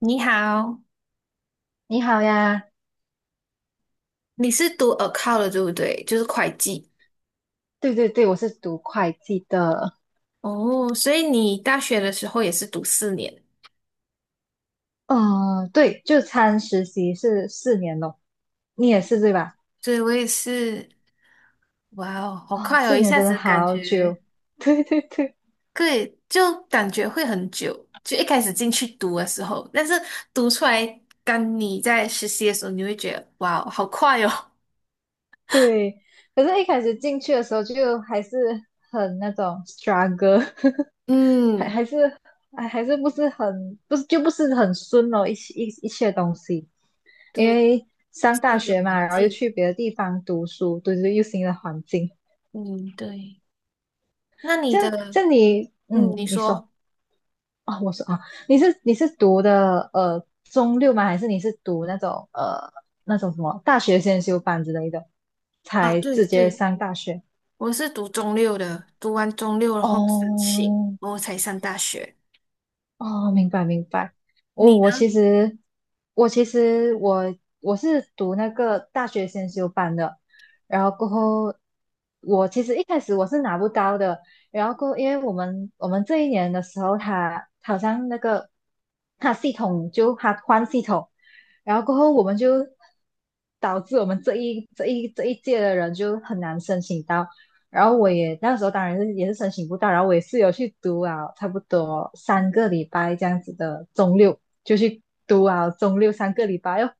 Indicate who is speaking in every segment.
Speaker 1: 你好，
Speaker 2: 你好呀，
Speaker 1: 你是读 account 的对不对？就是会计
Speaker 2: 对对对，我是读会计的。
Speaker 1: 哦，所以你大学的时候也是读4年。
Speaker 2: 嗯，对，就参实习是四年咯，你也是对吧？
Speaker 1: 对，我也是，哇哦，好
Speaker 2: 哦，
Speaker 1: 快哦！
Speaker 2: 四
Speaker 1: 一
Speaker 2: 年
Speaker 1: 下
Speaker 2: 真的
Speaker 1: 子感
Speaker 2: 好
Speaker 1: 觉，
Speaker 2: 久，对对对
Speaker 1: 对，就感觉会很久。就一开始进去读的时候，但是读出来，当你在实习的时候，你会觉得，哇哦，好快哦。
Speaker 2: 对。可是一开始进去的时候就还是很那种 struggle，还
Speaker 1: 嗯，
Speaker 2: 还是还是不是很不是很顺哦，一切东西，因
Speaker 1: 对，
Speaker 2: 为上
Speaker 1: 是
Speaker 2: 大
Speaker 1: 一个
Speaker 2: 学嘛，
Speaker 1: 环
Speaker 2: 然后又
Speaker 1: 境。
Speaker 2: 去别的地方读书，对对，又新的环境，
Speaker 1: 嗯，对。那你
Speaker 2: 这样
Speaker 1: 的，
Speaker 2: 这样你，嗯，
Speaker 1: 嗯，你
Speaker 2: 你说。
Speaker 1: 说
Speaker 2: 啊，我说啊，你是读的中六吗？还是你是读那种那种什么大学先修班之类的，
Speaker 1: 啊，
Speaker 2: 才
Speaker 1: 对
Speaker 2: 直接
Speaker 1: 对。
Speaker 2: 上大学？
Speaker 1: 我是读中六的，读完中六然后申请，
Speaker 2: 哦。
Speaker 1: 然后才上大学。
Speaker 2: 哦，明白明白。我
Speaker 1: 你
Speaker 2: 我
Speaker 1: 呢？
Speaker 2: 其实我其实我是读那个大学先修班的，然后过后我其实一开始我是拿不到的，然后过后因为我们这一年的时候他，他好像那个他系统就他换系统，然后过后我们就导致我们这一届的人就很难申请到，然后我也那时候当然是也是申请不到，然后我也是有去读啊，差不多三个礼拜这样子的中六就去读啊，中六三个礼拜哟，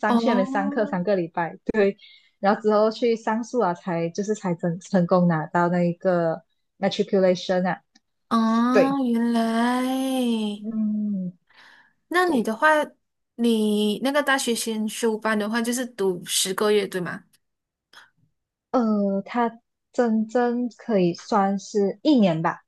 Speaker 2: 上去那边上课
Speaker 1: 哦，
Speaker 2: 三个礼拜。对，然后之后去上诉啊，才就是才成功拿到那一个 matriculation 啊。
Speaker 1: 哦，
Speaker 2: 对。
Speaker 1: 原来，
Speaker 2: 嗯，
Speaker 1: 那你
Speaker 2: 对。
Speaker 1: 的话，你那个大学先修班的话，就是读10个月，对吗？
Speaker 2: 他真正可以算是一年吧。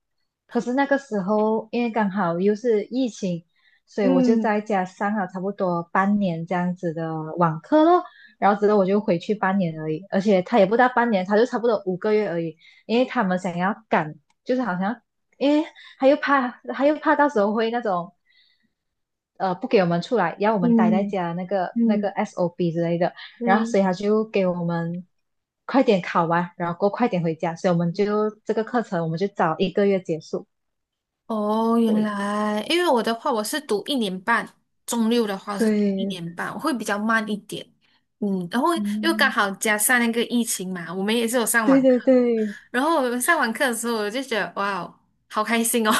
Speaker 2: 可是那个时候，因为刚好又是疫情，所以我就
Speaker 1: 嗯
Speaker 2: 在家上了差不多半年这样子的网课咯。然后之后我就回去半年而已，而且他也不到半年，他就差不多五个月而已。因为他们想要赶，就是好像，因为他又怕，他又怕到时候会那种。不给我们出来，要我们待在
Speaker 1: 嗯
Speaker 2: 家那个那
Speaker 1: 嗯，
Speaker 2: 个 s o B 之类的，然后所
Speaker 1: 对，
Speaker 2: 以他就给我们快点考完，然后过后快点回家，所以我们就这个课程我们就早一个月结束。
Speaker 1: 哦，原
Speaker 2: 对
Speaker 1: 来，因为我的话，我是读一年半，中六的话是读一
Speaker 2: 对。
Speaker 1: 年半，我会比较慢一点。嗯，然后又刚
Speaker 2: 嗯，
Speaker 1: 好加上那个疫情嘛，我们也是有上
Speaker 2: 对
Speaker 1: 网
Speaker 2: 对对，
Speaker 1: 然后我们上完课的时候，我就觉得哇哦，好开心哦！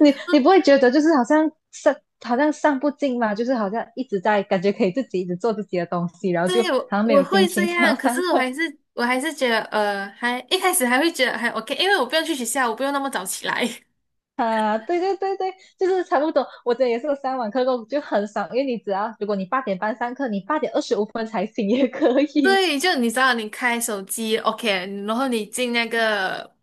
Speaker 2: 你你不会觉得就是好像上好像上不进嘛，就是好像一直在感觉可以自己一直做自己的东西，然 后就
Speaker 1: 对，
Speaker 2: 好
Speaker 1: 我
Speaker 2: 像没
Speaker 1: 我
Speaker 2: 有心
Speaker 1: 会这
Speaker 2: 情想要
Speaker 1: 样，可是
Speaker 2: 上
Speaker 1: 我
Speaker 2: 课。
Speaker 1: 还是我还是觉得还一开始还会觉得还 OK，因为我不用去学校，我不用那么早起来。
Speaker 2: 啊，对对对对，就是差不多。我这也是有上网课过，就很爽，因为你只要如果你八点半上课，你八点二十五分才醒也可 以。
Speaker 1: 对，就你知道，你开手机 OK，然后你进那个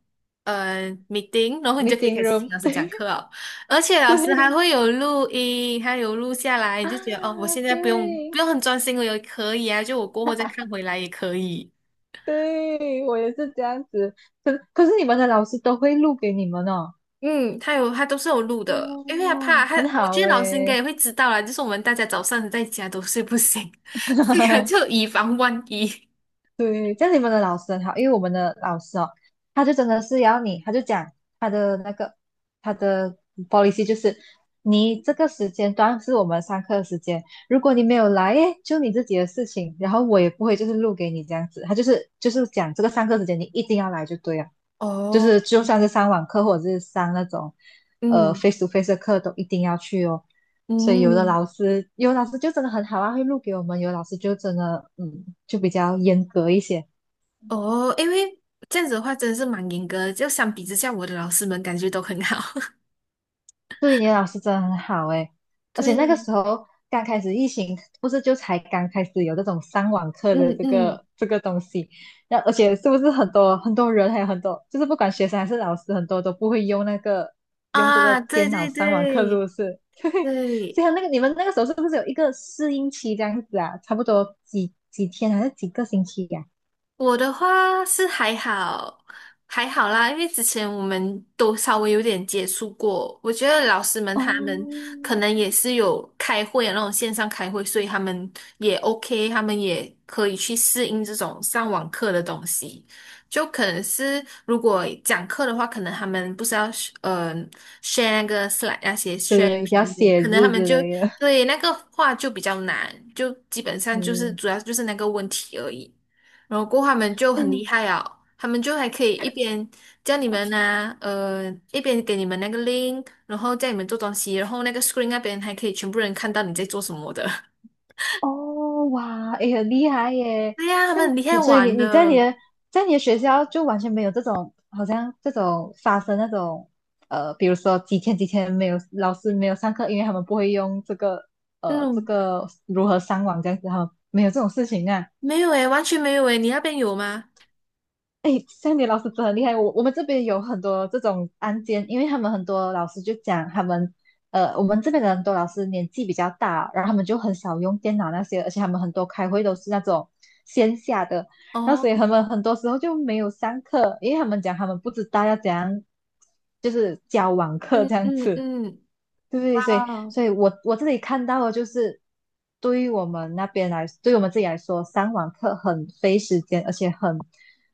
Speaker 1: meeting，然后你就可以
Speaker 2: Meeting
Speaker 1: 开始听
Speaker 2: room，
Speaker 1: 老 师讲
Speaker 2: 对
Speaker 1: 课了，而且老师还
Speaker 2: 对。
Speaker 1: 会有录音，还有录下来，你
Speaker 2: 啊，
Speaker 1: 就觉得哦，我现在不用
Speaker 2: 对
Speaker 1: 不用很专心，我也可以啊，就我过后再看回来也可以。
Speaker 2: 对，我也是这样子。可是你们的老师都会录给你们哦？
Speaker 1: 嗯，他有，他都是有录的，因为他
Speaker 2: 哦，
Speaker 1: 怕他，
Speaker 2: 很
Speaker 1: 我
Speaker 2: 好
Speaker 1: 觉得老师应该
Speaker 2: 诶。
Speaker 1: 也会知道啦，就是我们大家早上在家都睡不醒，所以他就 以防万一。
Speaker 2: 对，这样你们的老师很好，因为我们的老师哦，他就真的是要你，他就讲他的那个他的 policy 就是，你这个时间段是我们上课的时间，如果你没有来，诶，就你自己的事情，然后我也不会就是录给你这样子，他就是就是讲这个上课时间你一定要来就对了。就是
Speaker 1: 哦，
Speaker 2: 就算是上网课或者是上那种
Speaker 1: 嗯
Speaker 2: face to face 的课，都一定要去哦。所以有的
Speaker 1: 嗯，
Speaker 2: 老师，有的老师就真的很好啊，会录给我们；有的老师就真的，嗯，就比较严格一些。
Speaker 1: 哦，因为这样子的话真的是蛮严格的，就相比之下，我的老师们感觉都很好。
Speaker 2: 对，你的老师真的很好诶，而且那个
Speaker 1: 对，
Speaker 2: 时候刚开始疫情，不是就才刚开始有这种上网课的
Speaker 1: 嗯
Speaker 2: 这
Speaker 1: 嗯，
Speaker 2: 个这个东西，那而且是不是很多很多人还有很多，就是不管学生还是老师，很多都不会用那个用这个
Speaker 1: 啊，对
Speaker 2: 电脑
Speaker 1: 对
Speaker 2: 上网课，是不
Speaker 1: 对
Speaker 2: 是？对，所
Speaker 1: 对，
Speaker 2: 以他那个你们那个时候是不是有一个适应期这样子啊？差不多几天还是几个星期呀、
Speaker 1: 我的话是还好，还好啦，因为之前我们都稍微有点接触过，我觉得老师们他们
Speaker 2: 哦，
Speaker 1: 可能也是有开会啊，那种线上开会，所以他们也 OK，他们也可以去适应这种上网课的东西。就可能是如果讲课的话，可能他们不是要呃 share 那个 s l 那些 share
Speaker 2: 对对，
Speaker 1: 屏
Speaker 2: 要
Speaker 1: 幕，
Speaker 2: 写
Speaker 1: 可能他
Speaker 2: 字
Speaker 1: 们
Speaker 2: 之
Speaker 1: 就
Speaker 2: 类的，
Speaker 1: 对那个话就比较难，就基本上就是
Speaker 2: 对。
Speaker 1: 主要就是那个问题而已。然后过后他们就
Speaker 2: 哎
Speaker 1: 很厉害啊，他们就还可以一边叫你们啊，一边给你们那个 link，然后叫你们做东西，然后那个 screen 那边还可以全部人看到你在做什么的。
Speaker 2: 哦，哇，哎，很厉害耶！
Speaker 1: 对呀，他们很厉害
Speaker 2: 但所以你
Speaker 1: 玩
Speaker 2: 你在你
Speaker 1: 的。
Speaker 2: 的在你的学校就完全没有这种，好像这种发生那种，比如说几天没有老师没有上课，因为他们不会用这个，这
Speaker 1: 嗯，
Speaker 2: 个如何上网这样子，哈，没有这种事情啊。
Speaker 1: 没有诶，完全没有诶，你那边有吗？
Speaker 2: 哎 s a 老师真的很厉害。我们这边有很多这种案件，因为他们很多老师就讲他们，我们这边的很多老师年纪比较大，然后他们就很少用电脑那些，而且他们很多开会都是那种线下的，然后
Speaker 1: 哦，
Speaker 2: 所以他们很多时候就没有上课，因为他们讲他们不知道要怎样，就是教网课
Speaker 1: 嗯
Speaker 2: 这样
Speaker 1: 嗯
Speaker 2: 子。
Speaker 1: 嗯，哇
Speaker 2: 对，所以，
Speaker 1: 哦，
Speaker 2: 所以我这里看到的就是，对于我们那边来，对于我们自己来说，上网课很费时间，而且很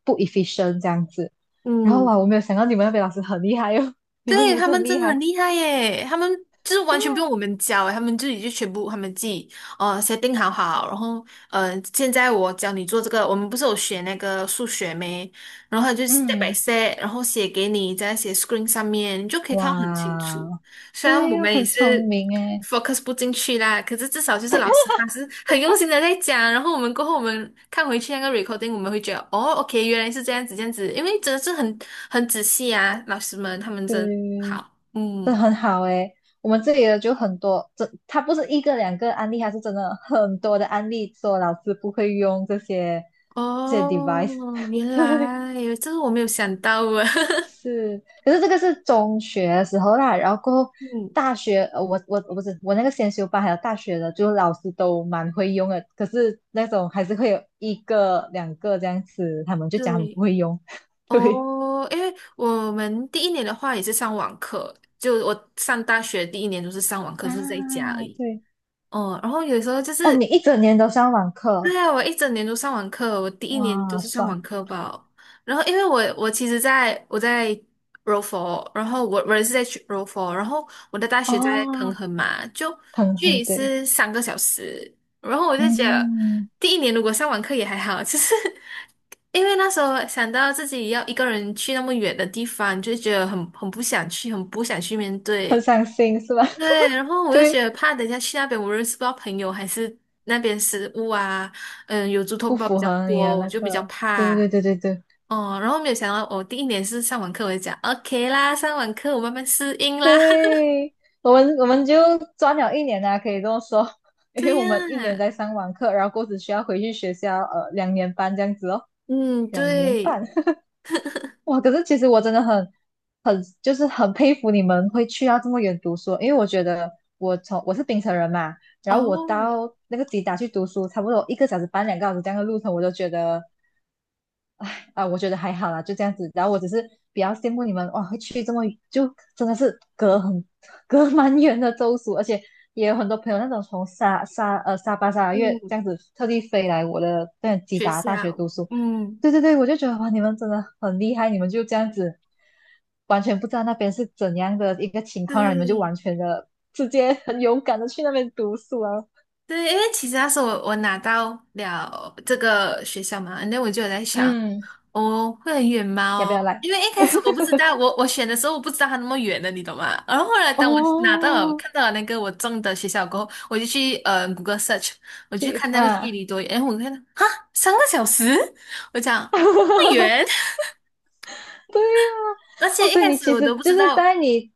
Speaker 2: 不 efficient 这样子。然后
Speaker 1: 嗯。
Speaker 2: 哇，我没有想到你们那边老师很厉害哦，你们
Speaker 1: 对，
Speaker 2: 也
Speaker 1: 他
Speaker 2: 是
Speaker 1: 们
Speaker 2: 很厉
Speaker 1: 真的很
Speaker 2: 害。
Speaker 1: 厉害耶！他们就是
Speaker 2: 对
Speaker 1: 完全不用
Speaker 2: 呀、
Speaker 1: 我们教耶，他们自己就全部他们自己定好好，然后现在我教你做这个，我们不是有学那个数学没？然后他就 step by
Speaker 2: 嗯，
Speaker 1: step，然后写给你，在写 screen 上面，你就可以看得很清楚。
Speaker 2: 哇，
Speaker 1: 虽然
Speaker 2: 对
Speaker 1: 我
Speaker 2: 呀、
Speaker 1: 们也
Speaker 2: 很聪
Speaker 1: 是
Speaker 2: 明诶，
Speaker 1: focus 不进去啦，可是至少就是老师他是很用心的在讲，然后我们过后我们看回去那个 recording，我们会觉得哦，OK，原来是这样子这样子，因为真的是很仔细啊，老师们他们真
Speaker 2: 对，
Speaker 1: 好，
Speaker 2: 这
Speaker 1: 嗯，
Speaker 2: 很好诶。我们这里的就很多，这它不是一个两个案例，它是真的很多的案例，说老师不会用这些这些
Speaker 1: 哦，
Speaker 2: device。
Speaker 1: 原
Speaker 2: 对，
Speaker 1: 来这个我没有想到啊，
Speaker 2: 是。可是这个是中学的时候啦，然后过后
Speaker 1: 嗯，
Speaker 2: 大学，我不是我那个先修班还有大学的，就老师都蛮会用的，可是那种还是会有一个两个这样子，他们就讲他们不
Speaker 1: 对，
Speaker 2: 会用，对
Speaker 1: 哦，因为我们第一年的话也是上网课，就我上大学第一年都是上网课，
Speaker 2: 啊。
Speaker 1: 就是在家而已。
Speaker 2: 对，
Speaker 1: 哦，然后有时候就
Speaker 2: 哦，你
Speaker 1: 是
Speaker 2: 一整年都上网课，
Speaker 1: 对啊，我一整年都上网课，我第一年都
Speaker 2: 哇，
Speaker 1: 是上网
Speaker 2: 爽。
Speaker 1: 课吧。然后，因为我其实在我在 柔佛，然后我也是在去柔佛，然后我的大学在彭
Speaker 2: 哦，
Speaker 1: 亨嘛，就
Speaker 2: 很
Speaker 1: 距
Speaker 2: 很
Speaker 1: 离
Speaker 2: 对，
Speaker 1: 是三个小时。然后我就觉得
Speaker 2: 嗯，
Speaker 1: 第一年如果上网课也还好，就是 因为那时候想到自己要一个人去那么远的地方，就觉得很不想去，很不想去面
Speaker 2: 很
Speaker 1: 对。
Speaker 2: 伤心是吧？
Speaker 1: 对，然后 我就
Speaker 2: 对，
Speaker 1: 觉得怕，等一下去那边我认识不到朋友，还是那边食物啊，嗯，有猪头
Speaker 2: 不
Speaker 1: 包比
Speaker 2: 符
Speaker 1: 较
Speaker 2: 合你的
Speaker 1: 多，我
Speaker 2: 那
Speaker 1: 就比较
Speaker 2: 个，对
Speaker 1: 怕。
Speaker 2: 对对对对。
Speaker 1: 哦，然后没有想到，我第一年是上完课，我就讲 OK 啦，上完课我慢慢适 应啦。
Speaker 2: 对，我们就赚了一年啊，可以这么说，因为
Speaker 1: 对
Speaker 2: 我们一年
Speaker 1: 呀，
Speaker 2: 在上网课，然后过后只需要回去学校，呃，两年半这样子哦，
Speaker 1: 嗯，
Speaker 2: 两年
Speaker 1: 对，
Speaker 2: 半。哇！可是其实我真的很，就是很佩服你们会去到这么远读书，因为我觉得我是槟城人嘛，然后我
Speaker 1: 哦，
Speaker 2: 到那个吉达去读书，差不多一个小时半两个小时这样的路程，我都觉得啊、我觉得还好啦，就这样子。然后我只是比较羡慕你们哇，会去这么就真的是隔蛮远的州属，而且也有很多朋友那种从沙巴沙拉越这
Speaker 1: 嗯，
Speaker 2: 样子特地飞来我的那吉
Speaker 1: 学
Speaker 2: 达大学
Speaker 1: 校，
Speaker 2: 读书。
Speaker 1: 嗯，
Speaker 2: 对对对，我就觉得哇，你们真的很厉害，你们就这样子完全不知道那边是怎样的一个情况，然后你们就
Speaker 1: 对。
Speaker 2: 完全的直接很勇敢的去那边读书啊。
Speaker 1: 对，因为其实那时候我拿到了这个学校嘛，那我就有在想，
Speaker 2: 嗯，
Speaker 1: 哦，会很远吗？
Speaker 2: 要不
Speaker 1: 哦
Speaker 2: 要来？
Speaker 1: 因为一开始我不知道，我选的时候我不知道它那么远的，你懂吗？然后后来当我拿到了
Speaker 2: 哦，
Speaker 1: 看到了那个我中的学校过后，我就去谷歌 search，我就
Speaker 2: 去
Speaker 1: 看那个距
Speaker 2: 啊！
Speaker 1: 离多远，然后我看到哈三个小时，我讲不 远，
Speaker 2: 对呀、
Speaker 1: 而
Speaker 2: 哦，
Speaker 1: 且一
Speaker 2: 所以
Speaker 1: 开
Speaker 2: 你
Speaker 1: 始
Speaker 2: 其
Speaker 1: 我
Speaker 2: 实
Speaker 1: 都不
Speaker 2: 就
Speaker 1: 知
Speaker 2: 是在
Speaker 1: 道
Speaker 2: 你，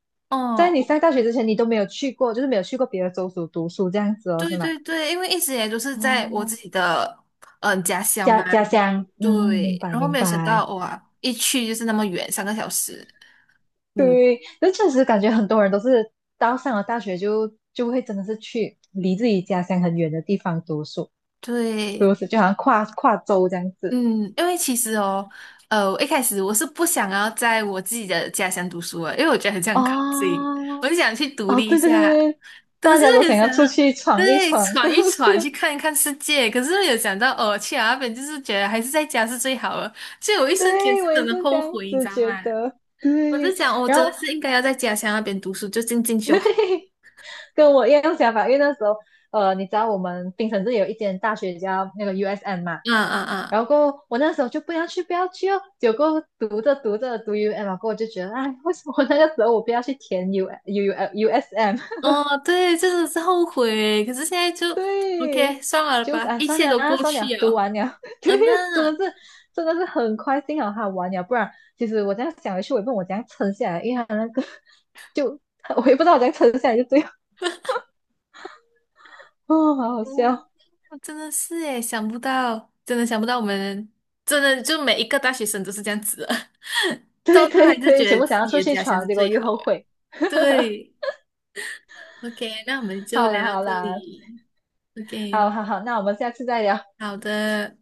Speaker 2: 在你
Speaker 1: 哦，
Speaker 2: 上大学之前，你都没有去过，就是没有去过别的州属读书这样子哦，是
Speaker 1: 对
Speaker 2: 吗？
Speaker 1: 对对，因为一直也都是在我自
Speaker 2: 哦，
Speaker 1: 己的家乡
Speaker 2: 家
Speaker 1: 嘛，
Speaker 2: 家乡，嗯，明
Speaker 1: 对，
Speaker 2: 白
Speaker 1: 然后
Speaker 2: 明
Speaker 1: 没有想到
Speaker 2: 白。
Speaker 1: 哇，一去就是那么远，三个小时，嗯，
Speaker 2: 对，那确实感觉很多人都是到上了大学就会真的是去离自己家乡很远的地方读书，读
Speaker 1: 对，
Speaker 2: 书就好像跨州这样子。
Speaker 1: 嗯，因为其实哦，我一开始我是不想要在我自己的家乡读书的，因为我觉得很像靠近，
Speaker 2: 哦，
Speaker 1: 我就想去独
Speaker 2: 哦，
Speaker 1: 立一
Speaker 2: 对对对
Speaker 1: 下，
Speaker 2: 对，
Speaker 1: 可
Speaker 2: 大
Speaker 1: 是
Speaker 2: 家都
Speaker 1: 很
Speaker 2: 想
Speaker 1: 想
Speaker 2: 要出去闯一
Speaker 1: 对
Speaker 2: 闯，是
Speaker 1: 闯一
Speaker 2: 不
Speaker 1: 闯，去
Speaker 2: 是？
Speaker 1: 看一看世界，可是没有想到哦，去了那边就是觉得还是在家是最好的，所以我一 生间
Speaker 2: 对，
Speaker 1: 是
Speaker 2: 我
Speaker 1: 真
Speaker 2: 也
Speaker 1: 的
Speaker 2: 是这
Speaker 1: 后
Speaker 2: 样
Speaker 1: 悔，你知
Speaker 2: 子
Speaker 1: 道
Speaker 2: 觉
Speaker 1: 吗？
Speaker 2: 得。
Speaker 1: 我就
Speaker 2: 对，
Speaker 1: 想，我
Speaker 2: 然
Speaker 1: 真
Speaker 2: 后
Speaker 1: 的是应该要在家乡那边读书，就进进
Speaker 2: 嘿，
Speaker 1: 修。
Speaker 2: 嘿，跟我一样想法，因为那时候，你知道我们槟城这里有一间大学叫那个 USM 嘛，
Speaker 1: 嗯
Speaker 2: 然后
Speaker 1: 嗯
Speaker 2: 过后我那时候就不要去，不要去哦，结果读着读着读 UM 啊，过后我就觉得，哎，为什么那个时候我不要去填 U S M？
Speaker 1: 嗯，哦，对，真的是后悔。可是现在 就
Speaker 2: 对，
Speaker 1: OK，算了
Speaker 2: 就是
Speaker 1: 吧，
Speaker 2: 啊，
Speaker 1: 一
Speaker 2: 算
Speaker 1: 切
Speaker 2: 了
Speaker 1: 都
Speaker 2: 啊，
Speaker 1: 过
Speaker 2: 算
Speaker 1: 去
Speaker 2: 了，读
Speaker 1: 了。
Speaker 2: 完了，对。
Speaker 1: 嗯
Speaker 2: 真
Speaker 1: 那
Speaker 2: 的是，真的是很快幸好他完了，不然其实我这样想回去，我也不懂我怎样撑下来，因为他那个 就我也不知道我怎样撑下来，就这样，哦，好好
Speaker 1: 嗯，
Speaker 2: 笑。
Speaker 1: 我真的是诶，想不到，真的想不到，我们真的就每一个大学生都是这样子的，到
Speaker 2: 对
Speaker 1: 最后
Speaker 2: 对
Speaker 1: 还是觉
Speaker 2: 对，全
Speaker 1: 得
Speaker 2: 部
Speaker 1: 自
Speaker 2: 想要出
Speaker 1: 己的
Speaker 2: 去
Speaker 1: 家乡
Speaker 2: 闯，
Speaker 1: 是
Speaker 2: 结果
Speaker 1: 最
Speaker 2: 又
Speaker 1: 好
Speaker 2: 后
Speaker 1: 的。
Speaker 2: 悔，
Speaker 1: 对，OK，那我们 就
Speaker 2: 好
Speaker 1: 聊
Speaker 2: 啦
Speaker 1: 到
Speaker 2: 好
Speaker 1: 这
Speaker 2: 啦，
Speaker 1: 里。
Speaker 2: 好
Speaker 1: OK，
Speaker 2: 好好，那我们下次再聊。
Speaker 1: 好的。